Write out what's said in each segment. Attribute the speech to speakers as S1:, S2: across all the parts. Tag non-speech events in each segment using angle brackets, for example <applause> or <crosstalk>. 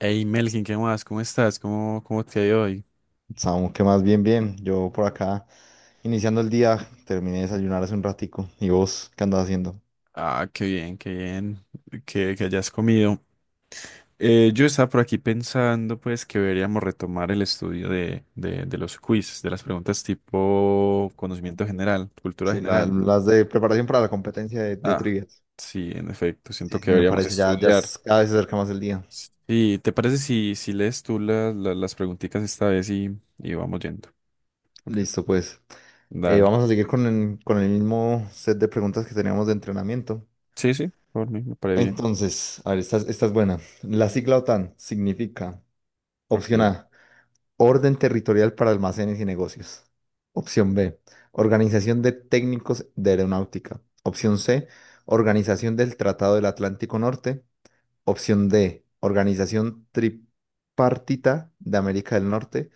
S1: Hey Melkin, ¿qué más? ¿Cómo estás? ¿Cómo te ha ido hoy?
S2: Samu, que más bien, bien. Yo por acá, iniciando el día, terminé de desayunar hace un ratico. ¿Y vos qué andas haciendo?
S1: Ah, qué bien que hayas comido. Yo estaba por aquí pensando pues que deberíamos retomar el estudio de los quiz, de las preguntas tipo conocimiento general, cultura
S2: Sí,
S1: general.
S2: las de preparación para la competencia de
S1: Ah,
S2: trivias.
S1: sí, en efecto,
S2: Sí,
S1: siento que
S2: sí, me
S1: deberíamos
S2: parece, ya, ya
S1: estudiar.
S2: cada vez se acerca más el día.
S1: Sí, ¿te parece si lees tú las preguntitas esta vez y vamos yendo? Ok,
S2: Listo, pues.
S1: dale.
S2: Vamos a seguir con el mismo set de preguntas que teníamos de entrenamiento.
S1: Sí, sí, por mí, me parece bien.
S2: Entonces, a ver, esta es buena. La sigla OTAN significa,
S1: Ok.
S2: opción A, Orden territorial para almacenes y negocios. Opción B. Organización de técnicos de aeronáutica. Opción C. Organización del Tratado del Atlántico Norte. Opción D. Organización tripartita de América del Norte.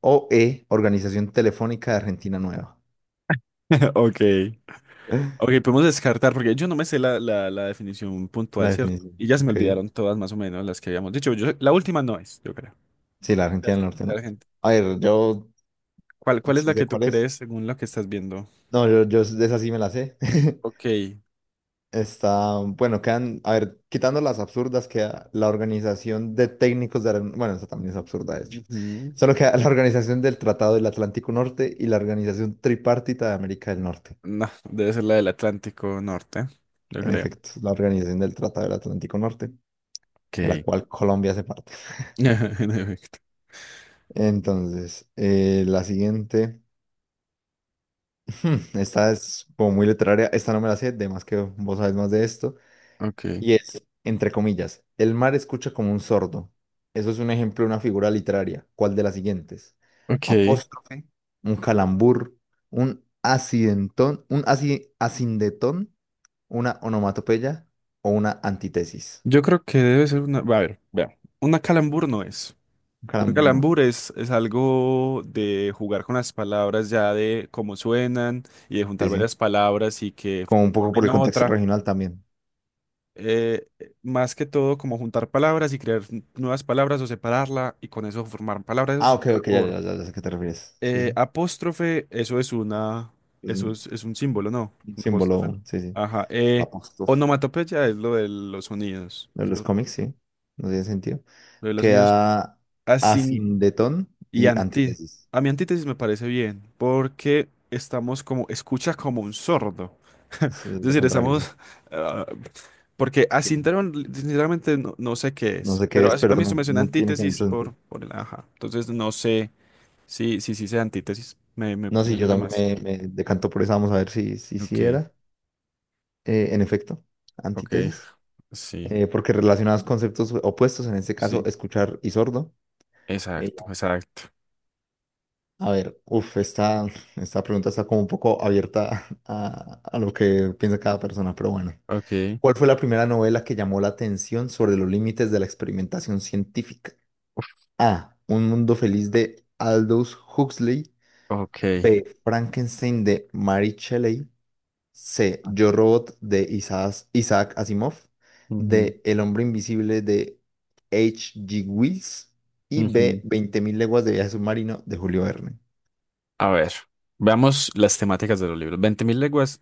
S2: O E. Organización telefónica de Argentina Nueva.
S1: <laughs> Ok. Ok,
S2: <laughs>
S1: podemos descartar porque yo no me sé la definición
S2: La
S1: puntual, ¿cierto?
S2: definición.
S1: Y ya se me
S2: Ok.
S1: olvidaron todas más o menos las que habíamos dicho. Yo, la última no es, yo creo.
S2: Sí, la Argentina
S1: Cierto.
S2: del Norte,
S1: La
S2: ¿no?
S1: gente-
S2: A ver, yo
S1: ¿Cuál es
S2: sí
S1: la
S2: sé
S1: que tú
S2: cuál es.
S1: crees según lo que estás viendo?
S2: No, yo, de esa sí me la sé. <laughs>
S1: Ok.
S2: Está, bueno, quedan, a ver, quitando las absurdas, queda la organización de técnicos de, bueno, esa también es absurda, de hecho.
S1: Ujú.
S2: Solo queda la organización del Tratado del Atlántico Norte y la organización tripartita de América del Norte.
S1: No, debe ser la del Atlántico Norte, yo
S2: En
S1: creo.
S2: efecto, la organización del Tratado del Atlántico Norte, de la
S1: Ok.
S2: cual Colombia hace parte.
S1: <laughs> En efecto.
S2: Entonces, la siguiente, <laughs> esta es como muy literaria, esta no me la sé, de más que vos sabes más de esto.
S1: Ok.
S2: Y es, entre comillas, el mar escucha como un sordo. Eso es un ejemplo de una figura literaria. ¿Cuál de las siguientes?
S1: Ok.
S2: Apóstrofe, un calambur, un acidentón, un acindetón, una onomatopeya o una antítesis.
S1: Yo creo que debe ser una. A ver, vea. Una calambur no es.
S2: Un
S1: Un
S2: calambur, ¿no?
S1: calambur es algo de jugar con las palabras ya de cómo suenan y de juntar
S2: Sí, sí.
S1: varias palabras y que
S2: Como un poco por
S1: formen
S2: el contexto
S1: otra.
S2: regional también.
S1: Eh, más que todo, como juntar palabras y crear nuevas palabras o separarla y con eso formar palabras, eso es
S2: Ah,
S1: un
S2: ok, ok, ya,
S1: calambur.
S2: ya, ya, ya sé a qué te refieres. Sí,
S1: Eh,
S2: sí.
S1: apóstrofe,
S2: Es
S1: eso
S2: un
S1: es un símbolo, ¿no?
S2: un
S1: Un apóstrofe.
S2: símbolo, sí, sí.
S1: Ajá.
S2: El
S1: Eh,
S2: apóstrofe
S1: onomatopeya es lo de los sonidos,
S2: de los
S1: ¿cierto?
S2: cómics, sí. No tiene sentido.
S1: Lo de los sonidos.
S2: Queda asindetón
S1: Y
S2: y
S1: anti,
S2: antítesis.
S1: a mi antítesis me parece bien, porque estamos como, escucha como un sordo. <laughs> Es
S2: Eso es lo
S1: decir,
S2: contrario, sí.
S1: ah, porque
S2: Sí.
S1: asinteron, sinceramente no sé qué
S2: No
S1: es,
S2: sé qué
S1: pero
S2: es, pero
S1: a mí esto
S2: no,
S1: me suena
S2: no tiene como
S1: antítesis
S2: mucho sentido.
S1: por el ajá. Entonces no sé si sea antítesis, me, me,
S2: No,
S1: me
S2: sí, yo
S1: suena más.
S2: también me decanto por esa. Vamos a ver si
S1: Ok,
S2: era. En efecto,
S1: ok,
S2: antítesis.
S1: sí,
S2: Porque relacionados conceptos opuestos, en este caso,
S1: sí,
S2: escuchar y sordo. Eh,
S1: exacto, exacto.
S2: a ver, uff, esta pregunta está como un poco abierta <laughs> a lo que piensa cada persona, pero bueno.
S1: Ok,
S2: ¿Cuál fue la primera novela que llamó la atención sobre los límites de la experimentación científica? A. Un mundo feliz de Aldous Huxley.
S1: ok.
S2: B. Frankenstein de Mary Shelley. C.
S1: Ah,
S2: Yo Robot de Isaac Asimov. D. El hombre invisible de H.G. Wells. Y
S1: ujú,
S2: B.
S1: ujú.
S2: 20.000 leguas de viaje submarino de Julio Verne.
S1: A ver, veamos las temáticas de los libros. Veinte mil leguas,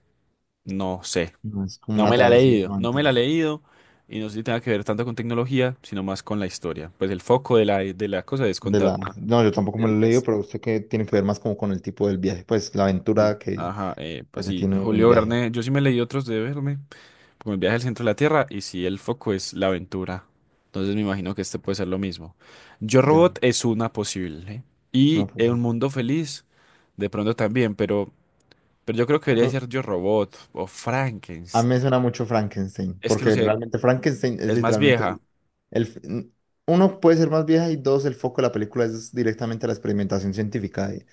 S1: no sé.
S2: No, es como
S1: No
S2: una
S1: me la he
S2: travesía, es
S1: leído,
S2: una
S1: no me la he
S2: aventura.
S1: leído y no sé si tenga que ver tanto con tecnología, sino más con la historia. Pues el foco de la cosa es contar una.
S2: No, yo tampoco me lo
S1: el-
S2: he leído,
S1: es,
S2: pero sé que tiene que ver más como con el tipo del viaje, pues la
S1: sí.
S2: aventura que
S1: Ajá,
S2: que
S1: pues
S2: se
S1: sí,
S2: tiene en el
S1: Julio
S2: viaje.
S1: Verne, yo sí me leí otros de Verne, como El viaje al centro de la Tierra, y sí, el foco es la aventura. Entonces me imagino que este puede ser lo mismo. Yo
S2: Ya,
S1: Robot es una posible.
S2: es una
S1: Y eh,
S2: cosa.
S1: Un Mundo Feliz, de pronto también, pero yo creo que debería ser Yo Robot o
S2: A mí
S1: Frankenstein.
S2: me suena mucho Frankenstein,
S1: Es que no
S2: porque
S1: sé,
S2: realmente Frankenstein es
S1: es más
S2: literalmente
S1: vieja.
S2: el- uno puede ser más vieja y dos, el foco de la película es directamente la experimentación científica y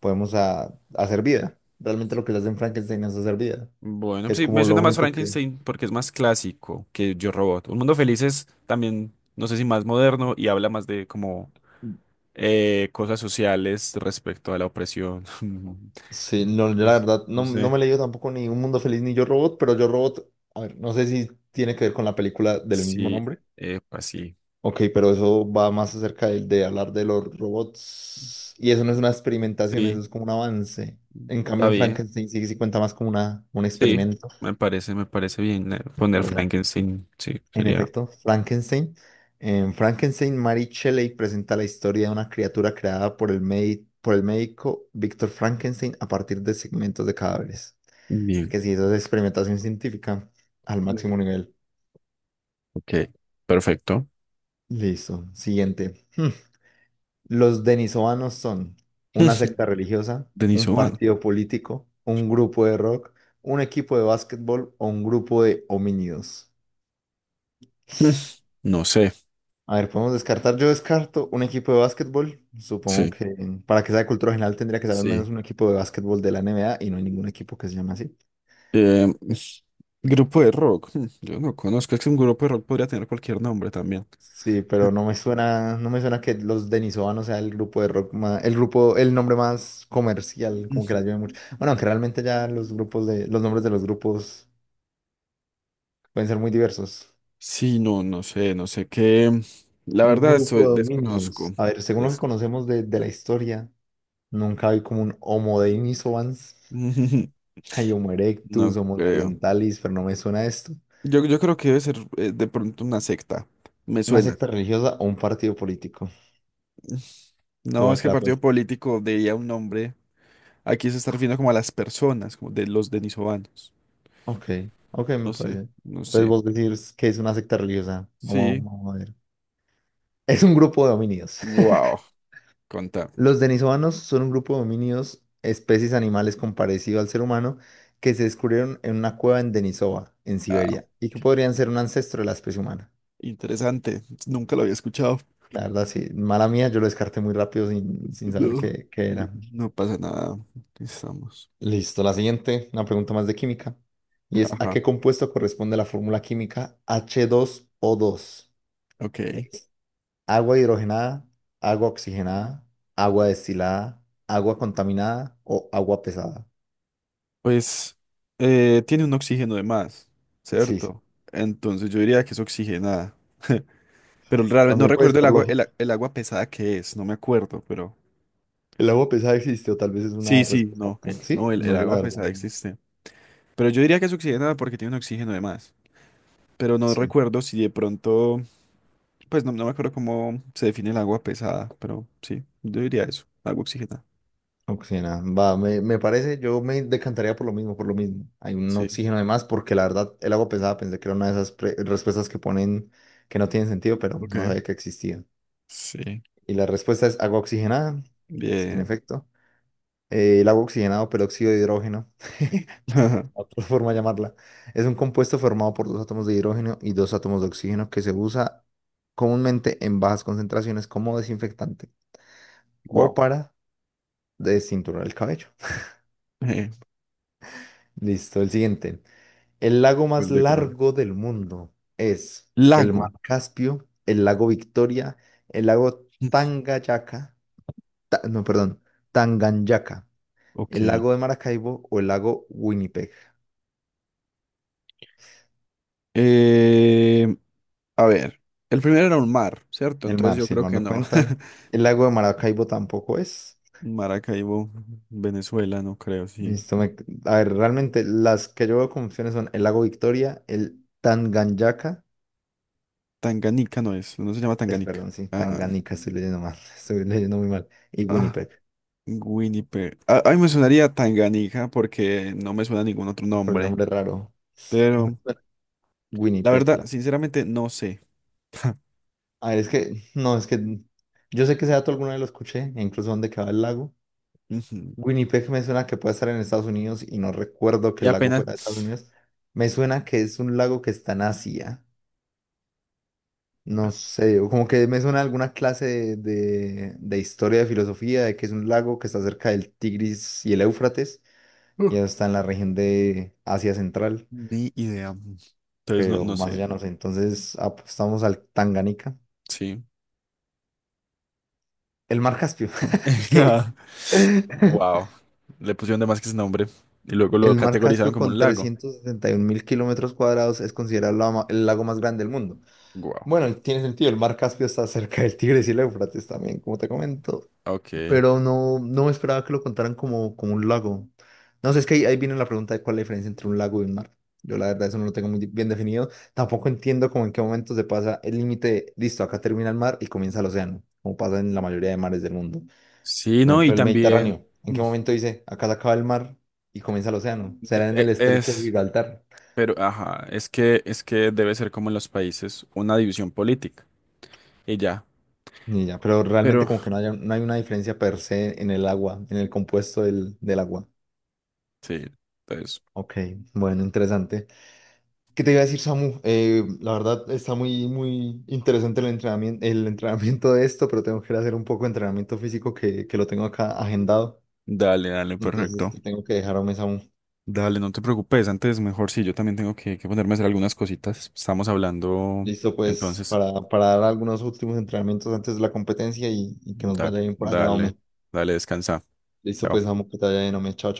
S2: podemos hacer vida. Realmente lo que le hacen Frankenstein es hacer vida,
S1: Bueno,
S2: que es
S1: sí, me
S2: como lo
S1: suena más
S2: único que...
S1: Frankenstein porque es más clásico que Yo Robot. Un Mundo Feliz es también, no sé si más moderno y habla más de como cosas sociales respecto a la opresión. <laughs>
S2: Sí, no, yo
S1: No,
S2: la verdad
S1: no
S2: no, no
S1: sé.
S2: me he leído tampoco ni Un Mundo Feliz ni Yo Robot, pero Yo Robot, a ver, no sé si tiene que ver con la película del mismo
S1: Sí,
S2: nombre.
S1: pues sí.
S2: Ok, pero eso va más acerca de, hablar de los robots. Y eso no es una experimentación, eso
S1: Sí,
S2: es como un avance. En cambio,
S1: está
S2: en
S1: bien.
S2: Frankenstein sí, sí cuenta más como una, un
S1: Sí,
S2: experimento.
S1: me parece bien poner
S2: Pues, en
S1: Frankenstein. Sí,
S2: en
S1: sería
S2: efecto, Frankenstein. En Frankenstein, Mary Shelley presenta la historia de una criatura creada por el médico Víctor Frankenstein a partir de segmentos de cadáveres.
S1: bien.
S2: Que sí, eso es experimentación científica al máximo
S1: Ujú.
S2: nivel.
S1: Ok, perfecto.
S2: Listo. Siguiente. <laughs> Los denisovanos son una
S1: <laughs>
S2: secta religiosa,
S1: Denis
S2: un
S1: Oban.
S2: partido político, un grupo de rock, un equipo de básquetbol o un grupo de homínidos.
S1: <laughs> No sé.
S2: A ver, podemos descartar. Yo descarto un equipo de básquetbol. Supongo
S1: Sí,
S2: que para que sea de cultura general tendría que ser al
S1: sí.
S2: menos un equipo de básquetbol de la NBA y no hay ningún equipo que se llame así.
S1: Eh, es- grupo de rock. Yo no conozco. Es que un grupo de rock podría tener cualquier nombre también.
S2: Sí, pero no me suena, no me suena que los denisovanos sea el grupo de rock más, el grupo, el nombre más comercial, como que la
S1: Ujú.
S2: lleve mucho. Bueno, aunque realmente ya los grupos los nombres de los grupos pueden ser muy diversos.
S1: Sí, no, no sé, no sé qué. La
S2: Un
S1: verdad,
S2: grupo de
S1: desconozco.
S2: dominios. A ver, según lo que
S1: Des-
S2: conocemos de, la historia, nunca hay como un Homo denisovans. <laughs>
S1: <laughs>
S2: Hay Homo erectus,
S1: No
S2: Homo
S1: creo.
S2: neanderthalis, pero no me suena esto.
S1: Yo creo que debe ser de pronto una secta. Me
S2: Una
S1: suena.
S2: secta religiosa o un partido político.
S1: No,
S2: Todo
S1: es que
S2: acá pues.
S1: partido político diría un nombre. Aquí se está refiriendo como a las personas, como de los denisovanos.
S2: Ok, ok, me
S1: No sé,
S2: parece.
S1: no
S2: Entonces
S1: sé.
S2: vos decís que es una secta religiosa. Vamos,
S1: Sí.
S2: vamos a ver. Es un grupo de dominios.
S1: Wow,
S2: <laughs>
S1: contame.
S2: Los denisovanos son un grupo de dominios, especies animales con parecido al ser humano, que se descubrieron en una cueva en Denisova, en
S1: Ah,
S2: Siberia, y que podrían ser un ancestro de la especie humana.
S1: interesante. Nunca lo había escuchado.
S2: La verdad, sí, mala mía, yo lo descarté muy rápido sin saber
S1: No,
S2: qué
S1: no,
S2: era.
S1: no pasa nada. Aquí estamos.
S2: Listo, la siguiente, una pregunta más de química. Y es, ¿a
S1: Ajá,
S2: qué compuesto corresponde la fórmula química h dos o dos?
S1: ok.
S2: Es ¿agua hidrogenada, agua oxigenada, agua destilada, agua contaminada o agua pesada?
S1: Pues tiene un oxígeno de más,
S2: Sí, sí,
S1: ¿cierto? Entonces yo diría que es oxigenada. <laughs> Pero realmente no
S2: también pues
S1: recuerdo el
S2: por
S1: agua,
S2: lógica.
S1: el agua pesada que es, no me acuerdo, pero.
S2: El agua pesada existe o tal vez es
S1: Sí,
S2: una
S1: sí,
S2: respuesta.
S1: no,
S2: ¿Sí?
S1: no, el,
S2: No,
S1: el
S2: yo la
S1: agua
S2: verdad,
S1: pesada
S2: no.
S1: existe. Pero yo diría que es oxigenada porque tiene un oxígeno de más. Pero no
S2: Sí.
S1: recuerdo si de pronto, pues no me acuerdo cómo se define el agua pesada, pero sí, yo diría eso, agua oxigenada.
S2: Oxigena, va, me parece, yo me decantaría por lo mismo, por lo mismo. Hay un
S1: Sí,
S2: oxígeno de más porque la verdad el agua pesada pensé que era una de esas respuestas que ponen que no tienen sentido, pero no
S1: ok.
S2: sabía que existía.
S1: Sí.
S2: Y la respuesta es agua oxigenada, en
S1: Bien.
S2: efecto. El agua oxigenada o peróxido de hidrógeno, <laughs>
S1: <laughs>
S2: otra forma de llamarla, es un compuesto formado por dos átomos de hidrógeno y dos átomos de oxígeno que se usa comúnmente en bajas concentraciones como desinfectante o
S1: Wow.
S2: para desinturar el cabello.
S1: Eh,
S2: <laughs> Listo, el siguiente. El lago más
S1: gol de Colombia.
S2: largo del mundo es el mar
S1: Lago.
S2: Caspio, el lago Victoria, el lago
S1: <laughs>
S2: Tanganyika, no, perdón, Tanganyika, el
S1: Ok.
S2: lago de Maracaibo o el lago Winnipeg.
S1: Eh, a ver. El primero era un mar, ¿cierto?
S2: El
S1: Entonces
S2: mar,
S1: yo
S2: si el
S1: creo
S2: mar
S1: que
S2: no
S1: no.
S2: cuenta. El lago de Maracaibo tampoco es.
S1: <laughs> Maracaibo, Venezuela, no creo, sí.
S2: Listo, a ver, realmente las que yo veo como opciones son el lago Victoria, el Tanganyika,
S1: Tanganica no es, no se llama
S2: es,
S1: Tanganica.
S2: perdón, sí,
S1: Ah,
S2: Tanganica, estoy leyendo mal, <laughs> estoy leyendo muy mal, y
S1: ah,
S2: Winnipeg,
S1: Winnipeg. Ah, ay, me sonaría Tanganica porque no me suena ningún otro
S2: por el
S1: nombre.
S2: nombre raro. A mí me
S1: Pero
S2: suena
S1: la verdad,
S2: Winnipeg.
S1: sinceramente, no sé.
S2: A ver, es que, no, es que yo sé que ese dato alguna vez lo escuché, e incluso dónde queda el lago.
S1: Ujú.
S2: Winnipeg me suena que puede estar en Estados Unidos y no recuerdo que
S1: Y
S2: el lago
S1: apenas.
S2: fuera de Estados Unidos. Me suena que es un lago que está en Asia. No sé, o como que me suena alguna clase de historia, de filosofía, de que es un lago que está cerca del Tigris y el Éufrates,
S1: Uh,
S2: y eso está en la región de Asia Central,
S1: Ni idea. Entonces no,
S2: pero
S1: no
S2: más
S1: sé.
S2: allá no sé. Entonces apostamos al Tanganica.
S1: Sí.
S2: El mar Caspio. <laughs> ¿Qué?
S1: <laughs>
S2: <laughs>
S1: Wow. Le pusieron de más que ese nombre. Y luego lo
S2: El mar
S1: categorizaron
S2: Caspio
S1: como un
S2: con
S1: lago.
S2: 371 mil kilómetros cuadrados es considerado el lago más grande del mundo.
S1: Wow.
S2: Bueno, tiene sentido, el mar Caspio está cerca del Tigris y el Éufrates también, como te comento,
S1: Ok.
S2: pero no, no me esperaba que lo contaran como un lago. No sé, es que ahí viene la pregunta de cuál es la diferencia entre un lago y un mar. Yo la verdad eso no lo tengo muy bien definido. Tampoco entiendo como en qué momento se pasa el límite, de, listo, acá termina el mar y comienza el océano, como pasa en la mayoría de mares del mundo.
S1: Sí,
S2: Por
S1: no, y
S2: ejemplo, el
S1: también
S2: Mediterráneo. ¿En
S1: mm,
S2: qué momento dice, acá se acaba el mar y comienza el océano?
S1: de-
S2: ¿Será en el
S1: e-
S2: estrecho de
S1: es,
S2: Gibraltar?
S1: pero ajá, es que debe ser como en los países, una división política. Y ya.
S2: Ni idea, pero realmente
S1: Pero
S2: como que no hay una diferencia per se en el agua, en el compuesto del agua.
S1: sí, entonces,
S2: Ok, bueno, interesante. ¿Qué te iba a decir, Samu? La verdad está muy, muy interesante el entrenamiento de esto, pero tengo que ir a hacer un poco de entrenamiento físico que lo tengo acá agendado.
S1: dale, dale,
S2: Entonces
S1: perfecto.
S2: te tengo que dejar, hombre, Samu.
S1: Dale, no te preocupes. Antes, mejor sí, yo también tengo que ponerme a hacer algunas cositas. Estamos hablando.
S2: Listo, pues
S1: Entonces,
S2: para dar algunos últimos entrenamientos antes de la competencia y que nos
S1: dale,
S2: vaya bien por allá,
S1: dale,
S2: hombre.
S1: dale, descansa.
S2: Listo, pues
S1: Chao.
S2: amo que te vaya bien, hombre. Chao,